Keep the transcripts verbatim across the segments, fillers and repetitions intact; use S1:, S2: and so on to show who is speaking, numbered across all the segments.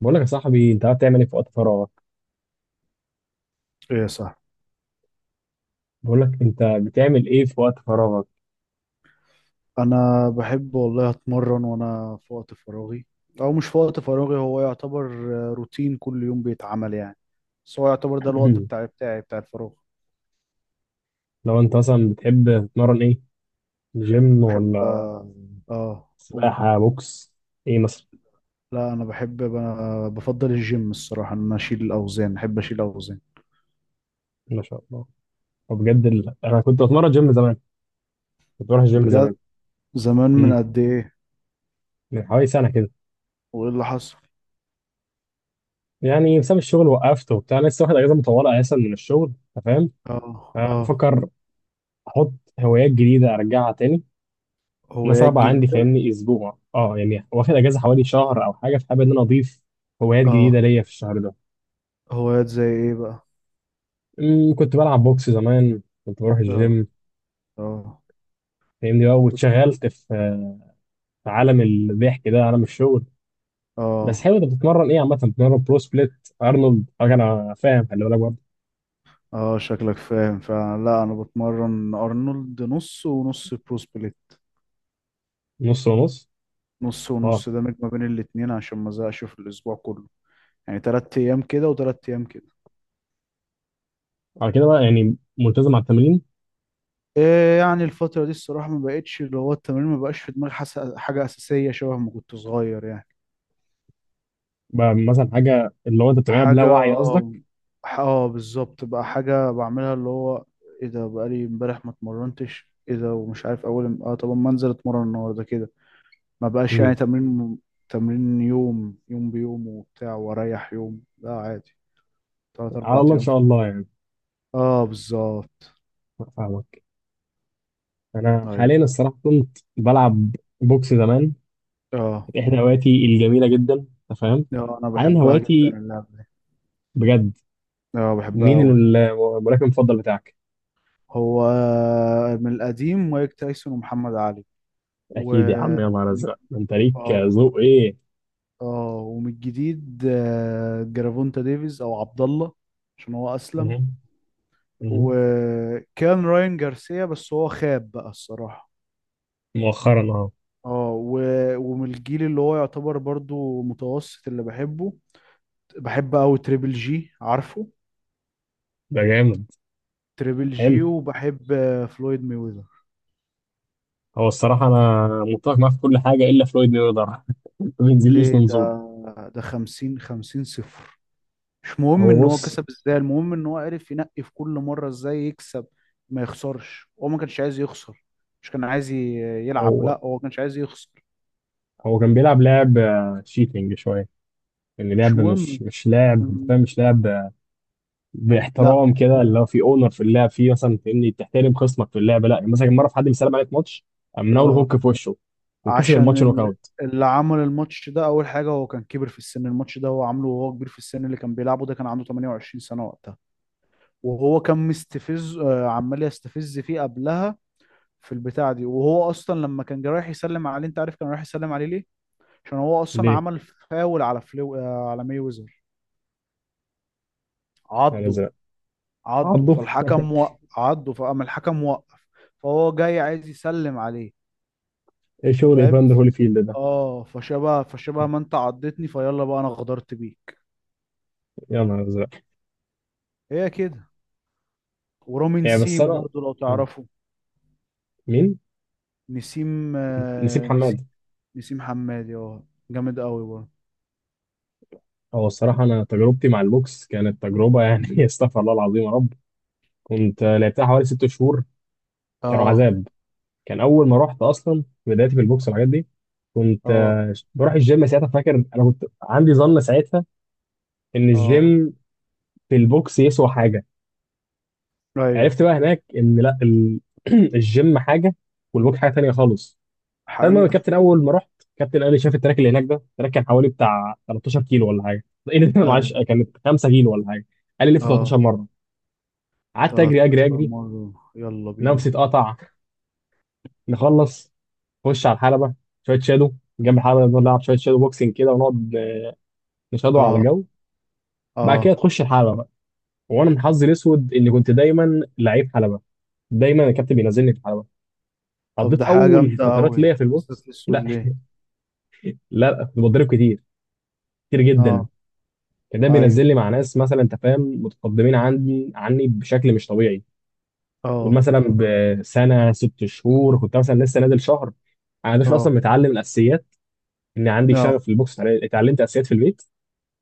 S1: بقول لك يا صاحبي، انت قاعد تعمل ايه في وقت فراغك؟
S2: ايه، صح.
S1: بقول لك انت بتعمل ايه في وقت فراغك؟
S2: انا بحب والله اتمرن وانا في وقت فراغي، او مش في وقت فراغي، هو يعتبر آه، روتين كل يوم بيتعمل يعني. بس هو يعتبر ده الوقت بتاعي بتاعي بتاع الفراغ.
S1: لو انت مثلا بتحب تتمرن ايه؟ جيم
S2: بحب،
S1: ولا
S2: اه. آه، قول.
S1: سباحة بوكس، ايه مثلا؟
S2: لا، انا بحب ب- بفضل الجيم الصراحة، ان انا اشيل الاوزان، احب اشيل الاوزان.
S1: ما شاء الله. وبجد ال... انا كنت بتمرن جيم زمان، كنت بروح الجيم
S2: بجد.
S1: زمان.
S2: زمان من
S1: امم
S2: قد ايه؟
S1: من حوالي سنة كده.
S2: وايه اللي حصل؟
S1: يعني بسبب الشغل وقفت وبتاع، أنا لسه واخد اجازة مطولة اساسا من الشغل، انت فاهم؟
S2: اه،
S1: أه
S2: اه.
S1: بفكر احط هوايات جديدة ارجعها تاني. انا
S2: هوايات
S1: صعبة عندي،
S2: جديدة.
S1: فاهمني اسبوع اه، يعني واخد اجازة حوالي شهر او حاجة، فحابب ان انا اضيف هوايات جديدة
S2: اه.
S1: ليا في الشهر ده.
S2: هوايات زي ايه بقى؟
S1: أمم، كنت بلعب بوكس زمان، كنت بروح
S2: اه،
S1: الجيم.
S2: اه،
S1: فاهمني بقى، واتشغلت في في عالم الضحك ده، عالم الشغل. بس
S2: اه،
S1: حلو، انت بتتمرن ايه عامة؟ بتتمرن برو سبليت، ارنولد، حاجة؟ انا فاهم، خلي بالك برضه.
S2: اه. شكلك فاهم فعلا. لا، انا بتمرن ارنولد نص ونص، برو سبليت.
S1: نص ونص،
S2: نص
S1: اه.
S2: ونص ده ميك ما بين الاتنين عشان ما ازهقش في الاسبوع كله. يعني تلات ايام كده وتلات ايام كده.
S1: على كده بقى يعني ملتزم على التمرين.
S2: إيه يعني، الفترة دي الصراحة ما بقتش اللي هو التمرين ما بقاش في دماغي حس... حاجة أساسية شبه ما كنت صغير يعني.
S1: بقى مثلا حاجة اللي هو انت بتعملها بلا
S2: حاجة،
S1: وعي
S2: اه.
S1: قصدك؟
S2: ح- آه، بالظبط، بقى حاجة بعملها اللي هو ايه ده، بقالي امبارح ما اتمرنتش، ايه ده ومش عارف اول ام- اه طب ما انزل اتمرن النهارده كده. ما بقاش
S1: أمم،
S2: يعني تمرين. تمرين يوم يوم بيوم وبتاع، واريح يوم، لا عادي. تلات
S1: على
S2: اربع
S1: الله ان
S2: ايام في-
S1: شاء الله يعني.
S2: اه، بالظبط.
S1: فاهمك. انا
S2: ايوه.
S1: حاليا الصراحة كنت بلعب بوكس زمان،
S2: اه،
S1: كانت احدى هواياتي الجميلة جدا، انت فاهم.
S2: اه. انا
S1: حاليا
S2: بحبها جدا
S1: هواياتي،
S2: اللعبة دي.
S1: بجد.
S2: اه، بحبها
S1: مين
S2: قوي.
S1: ال- الملاكم المفضل بتاعك؟
S2: هو، من القديم مايك تايسون ومحمد علي، و
S1: اكيد يا عم، يا نهار
S2: من-
S1: ازرق، ده انت ليك
S2: اه
S1: ذوق ايه.
S2: اه. ومن الجديد، آه، جرافونتا ديفيز، او عبد الله، عشان هو اسلم.
S1: مهم. مهم.
S2: وكان راين جارسيا، بس هو خاب بقى الصراحة.
S1: مؤخرا، اه.
S2: اه، و- ومن الجيل اللي هو يعتبر برضو متوسط اللي بحبه، بحب قوي تريبل جي، عارفه؟
S1: ده جامد.
S2: تريبل
S1: حلو.
S2: جي. وبحب آه، فلويد ميوزر.
S1: هو الصراحه انا متفق معاه في كل حاجه الا فلويد ميوزر ما بينزليش
S2: ليه
S1: منظور.
S2: ده؟ ده خمسين خمسين صفر. مش مهم
S1: هو
S2: ان هو
S1: بص،
S2: كسب ازاي، المهم ان هو عرف ينقي في كل مرة ازاي يكسب، ما يخسرش. هو ما كانش عايز يخسر، مش كان عايز ي- يلعب.
S1: هو
S2: لا، هو ما كانش عايز يخسر.
S1: هو كان بيلعب لعب شيتنج شويه، يعني
S2: مش
S1: لعب مش
S2: مهم.
S1: مش لعب، انت فاهم، مش لعب آه،
S2: لا.
S1: باحترام كده، اللي هو في اونر في اللعب فيه، مثلا فاهمني، تحترم خصمك في اللعب. لا يعني مثلا كان مره في حد بيسلم عليك ماتش، قام مناول
S2: اه.
S1: هوك في وشه وكسب الماتش
S2: عشان
S1: نوك
S2: ال-
S1: اوت.
S2: اللي عمل الماتش ده، اول حاجه، هو كان كبر في السن. الماتش ده هو عامله وهو كبير في السن. اللي كان بيلعبه ده كان عنده ثمانية وعشرين سنة سنه وقتها، وهو كان مستفز. آه، عمال يستفز فيه قبلها في البتاعه دي، وهو اصلا لما كان جاي رايح يسلم عليه. انت عارف كان رايح يسلم عليه ليه؟ عشان هو اصلا
S1: ليه؟
S2: عمل فاول على فلو آه، على ماي ويزر.
S1: يعني
S2: عضه.
S1: زي
S2: عضه
S1: عضه
S2: فالحكم وقف. عضه، فقام الحكم وقف. فهو جاي عايز يسلم عليه.
S1: ايه شغل
S2: فاهم.
S1: ايفاندر هوليفيلد ده؟
S2: اه، فشبه فشبه ما انت عضتني، فيلا بقى انا غدرت بيه.
S1: يا نهار ازرق.
S2: هي كده. ورامي
S1: يعني بس
S2: نسيم
S1: انا،
S2: برضو، لو تعرفه.
S1: مين؟
S2: نسيم
S1: نسيب
S2: آه، نسيم.
S1: حماد.
S2: نسيم حمادي، اه. جامد قوي برضه.
S1: هو الصراحه انا تجربتي مع البوكس كانت تجربه يعني استغفر الله العظيم يا رب. كنت لعبتها حوالي ست شهور، كانوا
S2: اه،
S1: عذاب. كان اول ما رحت اصلا في بدايتي في البوكس والحاجات دي، كنت
S2: اه،
S1: آه، بروح الجيم ساعتها. فاكر انا كنت عندي ظن ساعتها ان
S2: اه.
S1: الجيم في البوكس يسوى حاجه.
S2: ايوه.
S1: عرفت بقى هناك ان لا، ال- الجيم حاجه والبوكس حاجه تانيه خالص. فالمهم،
S2: حقيقة.
S1: الكابتن اول ما رحت، الكابتن قال لي، شاف التراك اللي هناك ده، التراك كان حوالي بتاع 13 كيلو ولا حاجه. ايه ده معلش،
S2: ايوه.
S1: كانت 5 كيلو ولا حاجه. قال لي لف
S2: اه،
S1: تلتاشر مرة مره، قعدت اجري اجري
S2: 13
S1: اجري.
S2: مرة، يلا
S1: نفسي
S2: بينا.
S1: اتقطع. نخلص، نخش على الحلبه، شويه شادو جنب الحلبه، نقعد نلعب شويه شادو بوكسنج كده، ونقعد نشادو على
S2: اه،
S1: الجو. بعد كده
S2: اه.
S1: تخش الحلبه بقى. وانا من حظي الاسود اني كنت دايما لعيب حلبه، دايما الكابتن بينزلني في الحلبه.
S2: طب
S1: قضيت
S2: ده حاجة
S1: اول
S2: جامدة
S1: فترات
S2: قوي،
S1: ليا في البوكس،
S2: ازدت اسود
S1: لا،
S2: ليه؟
S1: لا، كنت بتضرب كتير، كتير جدا.
S2: اه.
S1: كان ده
S2: ايوه،
S1: بينزل لي مع ناس مثلا، انت فاهم، متقدمين عني عني بشكل مش طبيعي. قول
S2: اه،
S1: مثلا بسنه ست شهور، كنت مثلا لسه نازل شهر، انا مش
S2: اه،
S1: اصلا متعلم الاساسيات. ان عندي
S2: اه،
S1: شغف للبوكس، اتعل- اتعلمت اساسيات في البيت.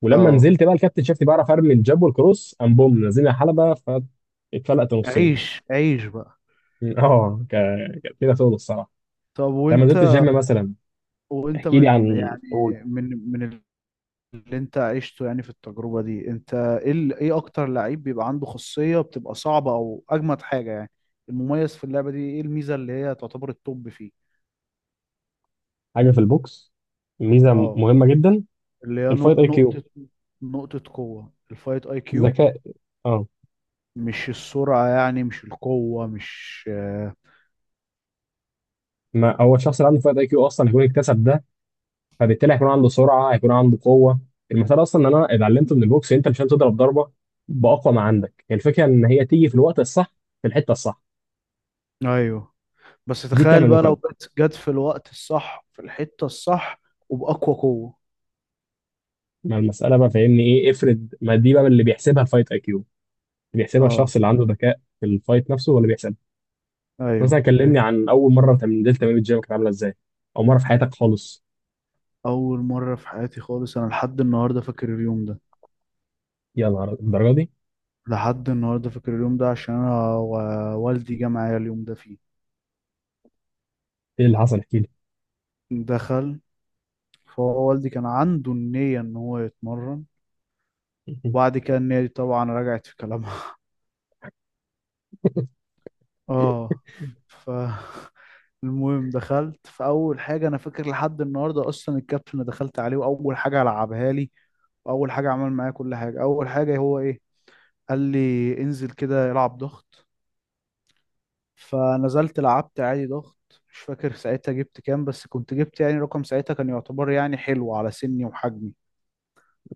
S1: ولما
S2: اه.
S1: نزلت بقى الكابتن شافني بعرف ارمي الجاب والكروس، قام بوم نزلني على حلبه فاتفلقت نصين
S2: عيش عيش بقى.
S1: اه، ك- كانت كده شغل الصراحه.
S2: طب
S1: انت لما نزلت
S2: وانت.
S1: الجيم مثلا،
S2: وانت
S1: احكي لي،
S2: من
S1: عن
S2: يعني.
S1: قول.
S2: من من اللي انت عشته يعني في التجربة دي، انت ايه ال- ايه اكتر لعيب بيبقى عنده خاصية بتبقى صعبة، او اجمد حاجة يعني، المميز في اللعبة دي؟ ايه الميزة اللي هي تعتبر التوب فيه؟
S1: حاجه في البوكس، ميزه
S2: اه،
S1: مهمه جدا،
S2: اللي هي
S1: الفايت
S2: نق-
S1: اي كيو،
S2: نقطة نقطة قوة، الفايت اي كيو.
S1: ذكاء، اه.
S2: مش السرعة يعني، مش القوة، مش آه،
S1: ما هو الشخص اللي عنده فائق اي كيو اصلا هيكون اكتسب ده، فبالتالي هيكون عنده سرعه، هيكون عنده قوه. المثال اصلا ان انا اتعلمته من البوكس، انت مش هتضرب ضربه باقوى ما عندك، هي الفكره ان هي تيجي في الوقت الصح في الحته الصح.
S2: ايوه، بس
S1: دي
S2: تخيل
S1: بتعمل
S2: بقى
S1: نوك
S2: لو
S1: اوت.
S2: جت جت في الوقت الصح، في الحتة الصح، وبأقوى قوة.
S1: ما المساله بقى فاهمني، ايه افرض، ما دي بقى اللي بيحسبها الفايت اي كيو، اللي بيحسبها الشخص
S2: اه.
S1: اللي عنده ذكاء في الفايت نفسه ولا بيحسبها. مثلا
S2: ايوه.
S1: كلمني عن اول مره انت نزلت تمرين الجيم، كانت عامله ازاي؟ او مره في حياتك خالص.
S2: اول مرة في حياتي خالص، انا لحد النهاردة فاكر اليوم ده.
S1: يا نهار الدرجه دي.
S2: لحد النهارده فاكر اليوم ده عشان انا و- والدي جه معايا اليوم ده فيه.
S1: ايه اللي حصل، احكي لي.
S2: دخل. فهو والدي كان عنده النية ان هو يتمرن، وبعد كده النية دي طبعا رجعت في كلامها. اه. ف المهم دخلت، فاول حاجه انا فاكر لحد النهارده اصلا الكابتن اللي دخلت عليه، واول حاجه لعبها لي واول حاجه عمل معايا كل حاجه، اول حاجه هو ايه؟ قال لي انزل كده العب ضغط. فنزلت لعبت عادي ضغط، مش فاكر ساعتها جبت كام، بس كنت جبت يعني رقم ساعتها كان يعتبر يعني حلو على سني وحجمي.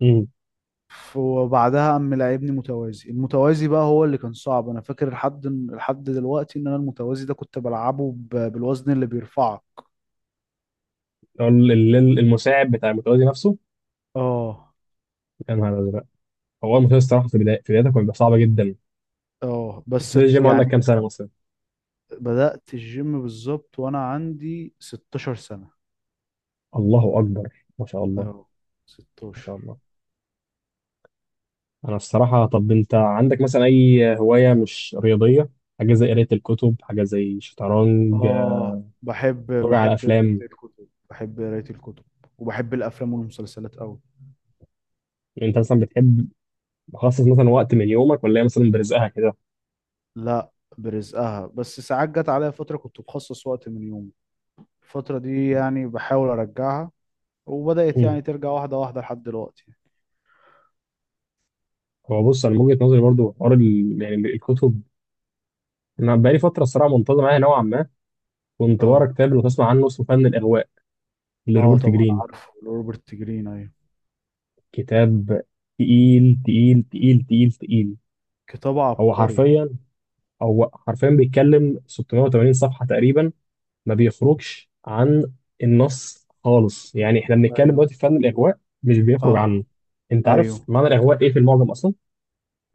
S1: أمم.
S2: ف- وبعدها قام لعبني متوازي. المتوازي بقى هو اللي كان صعب. انا فاكر لحد لحد دلوقتي ان انا المتوازي ده كنت بلعبه ب- بالوزن اللي بيرفعه.
S1: ال- ال- المساعد بتاع المتوازي نفسه.
S2: اه،
S1: يا نهار أزرق. هو المسلسل الصراحه في بداية- في بدايته كان بيبقى صعب جدا.
S2: اه.
S1: انت
S2: بس ات-
S1: الجيم عندك كام
S2: يعني
S1: سنه مثلا؟
S2: بدأت الجيم بالظبط وانا عندي 16 سنة.
S1: الله اكبر، ما شاء الله.
S2: اه.
S1: ما
S2: ستاشر.
S1: شاء الله. انا الصراحه، طب انت عندك مثلا اي هوايه مش رياضيه؟ حاجه زي قرايه الكتب، حاجه زي شطرنج،
S2: اه. بحب
S1: تتفرج على
S2: بحب قراية
S1: افلام.
S2: الكتب، بحب قراية الكتب. وبحب الافلام والمسلسلات قوي.
S1: انت مثلا بتحب تخصص مثلا وقت من يومك، ولا هي مثلا برزقها كده؟
S2: لا، برزقها. بس ساعات جت عليا فترة كنت بخصص وقت من يومي، الفترة دي يعني بحاول ارجعها، وبدأت
S1: مم.
S2: يعني ترجع واحدة واحدة لحد دلوقتي.
S1: هو بص، انا من وجهه نظري برضو، حوار ال- يعني الكتب. انا بقالي فتره الصراحه منتظم معايا نوعا ما. كنت بقرا
S2: اه،
S1: كتاب لو تسمع عنه، اسمه فن الاغواء،
S2: اه.
S1: لروبرت
S2: طبعا
S1: جرين.
S2: عارفه روبرت جرين، ايوه.
S1: كتاب تقيل تقيل تقيل تقيل تقيل.
S2: كتاب
S1: هو
S2: عبقري.
S1: حرفيا هو حرفيا بيتكلم 680 صفحة تقريبا، ما بيخرجش عن النص خالص. يعني احنا بنتكلم
S2: ايوه،
S1: دلوقتي في فن الإغواء، مش بيخرج
S2: اه،
S1: عنه. انت عارف
S2: ايوه،
S1: معنى الإغواء ايه في المعجم اصلا؟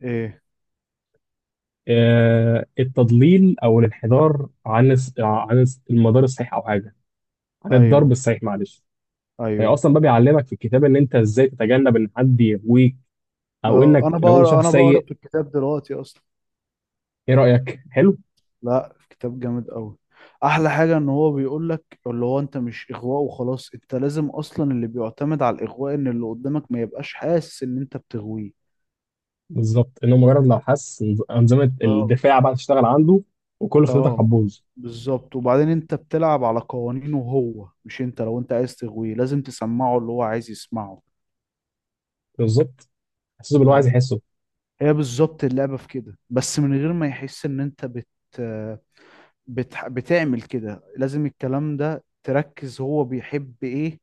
S2: ايه،
S1: آه، التضليل او الانحدار عن الس- عن الس- المدار الصحيح، او حاجة عن الضرب
S2: ايوه،
S1: الصحيح، معلش. هي
S2: ايوه.
S1: اصلا بقى بيعلمك في الكتاب ان انت ازاي تتجنب ان حد يغويك، او
S2: اه،
S1: انك
S2: انا
S1: لو انت
S2: بقرا
S1: شخص
S2: انا بقرا
S1: سيء.
S2: في الكتاب دلوقتي اصلا.
S1: ايه رأيك، حلو؟
S2: لا، كتاب جامد قوي. احلى حاجه ان هو بيقول لك اللي هو، انت مش اغواء وخلاص، انت لازم اصلا، اللي بيعتمد على الاغواء ان اللي قدامك ما يبقاش حاسس ان انت بتغويه.
S1: بالظبط، انه مجرد لو حس إن انظمه
S2: اه.
S1: الدفاع بقى تشتغل عنده، وكل خطتك
S2: اه،
S1: هتبوظ.
S2: بالظبط. وبعدين انت بتلعب على قوانينه، هو مش انت. لو انت عايز تغويه لازم تسمعه اللي هو عايز يسمعه.
S1: بالظبط. حسيته باللي هو عايز
S2: فاهم.
S1: يحسه.
S2: هي بالظبط اللعبه في كده، بس من غير ما يحس ان انت بت بت بتعمل كده. لازم الكلام ده تركز هو بيحب ايه،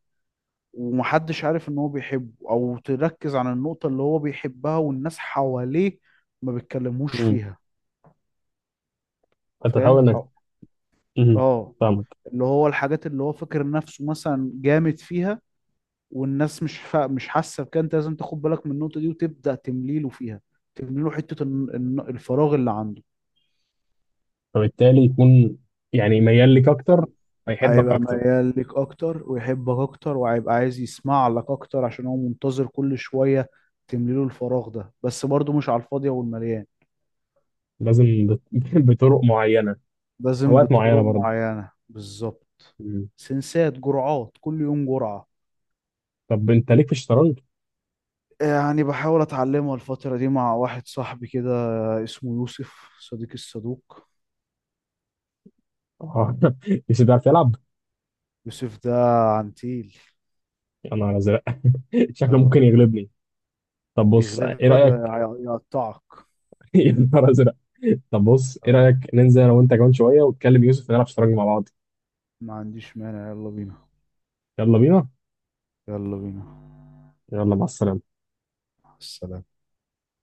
S2: ومحدش عارف ان هو بيحبه، او تركز على النقطة اللي هو بيحبها والناس حواليه ما بيتكلموش
S1: امم.
S2: فيها.
S1: فانت
S2: فاهم
S1: تحاول انك،
S2: أو-
S1: امم،
S2: اه.
S1: فاهمك.
S2: اللي هو الحاجات اللي هو فاكر نفسه مثلا جامد فيها، والناس مش فا... مش حاسة بكده. انت لازم تاخد بالك من النقطة دي وتبدأ تمليله فيها. تمليله حتة الن- الن- الفراغ اللي عنده.
S1: فبالتالي يكون يعني ميال ليك اكتر، فيحبك
S2: هيبقى
S1: اكتر.
S2: ميال لك اكتر، ويحبك اكتر، وهيبقى عايز يسمع لك اكتر عشان هو منتظر كل شوية تمليله الفراغ ده. بس برضه مش على الفاضية والمليان،
S1: لازم بط- بطرق معينه،
S2: لازم
S1: اوقات معينه
S2: بطرق
S1: برضه.
S2: معينة، بالظبط.
S1: أمم.
S2: سنسات، جرعات، كل يوم جرعة.
S1: طب انت ليك في الشطرنج؟
S2: يعني بحاول أتعلمها الفترة دي مع واحد صاحبي كده، اسمه يوسف صديق الصدوق.
S1: آه مش بتعرف تلعب؟
S2: يوسف ده عنتيل.
S1: يا نهار ازرق شكله ممكن
S2: اه،
S1: يغلبني. طب بص، ايه
S2: يغلبك ده
S1: رايك
S2: يع- يقطعك.
S1: يا نهار ازرق. طب بص، ايه
S2: اه.
S1: رايك ننزل انا وانت كمان شويه، وتكلم يوسف نلعب شطرنج مع بعض؟
S2: ما عنديش مانع، يلا بينا.
S1: يلا بينا.
S2: يلا بينا.
S1: يلا مع السلامة.
S2: السلام.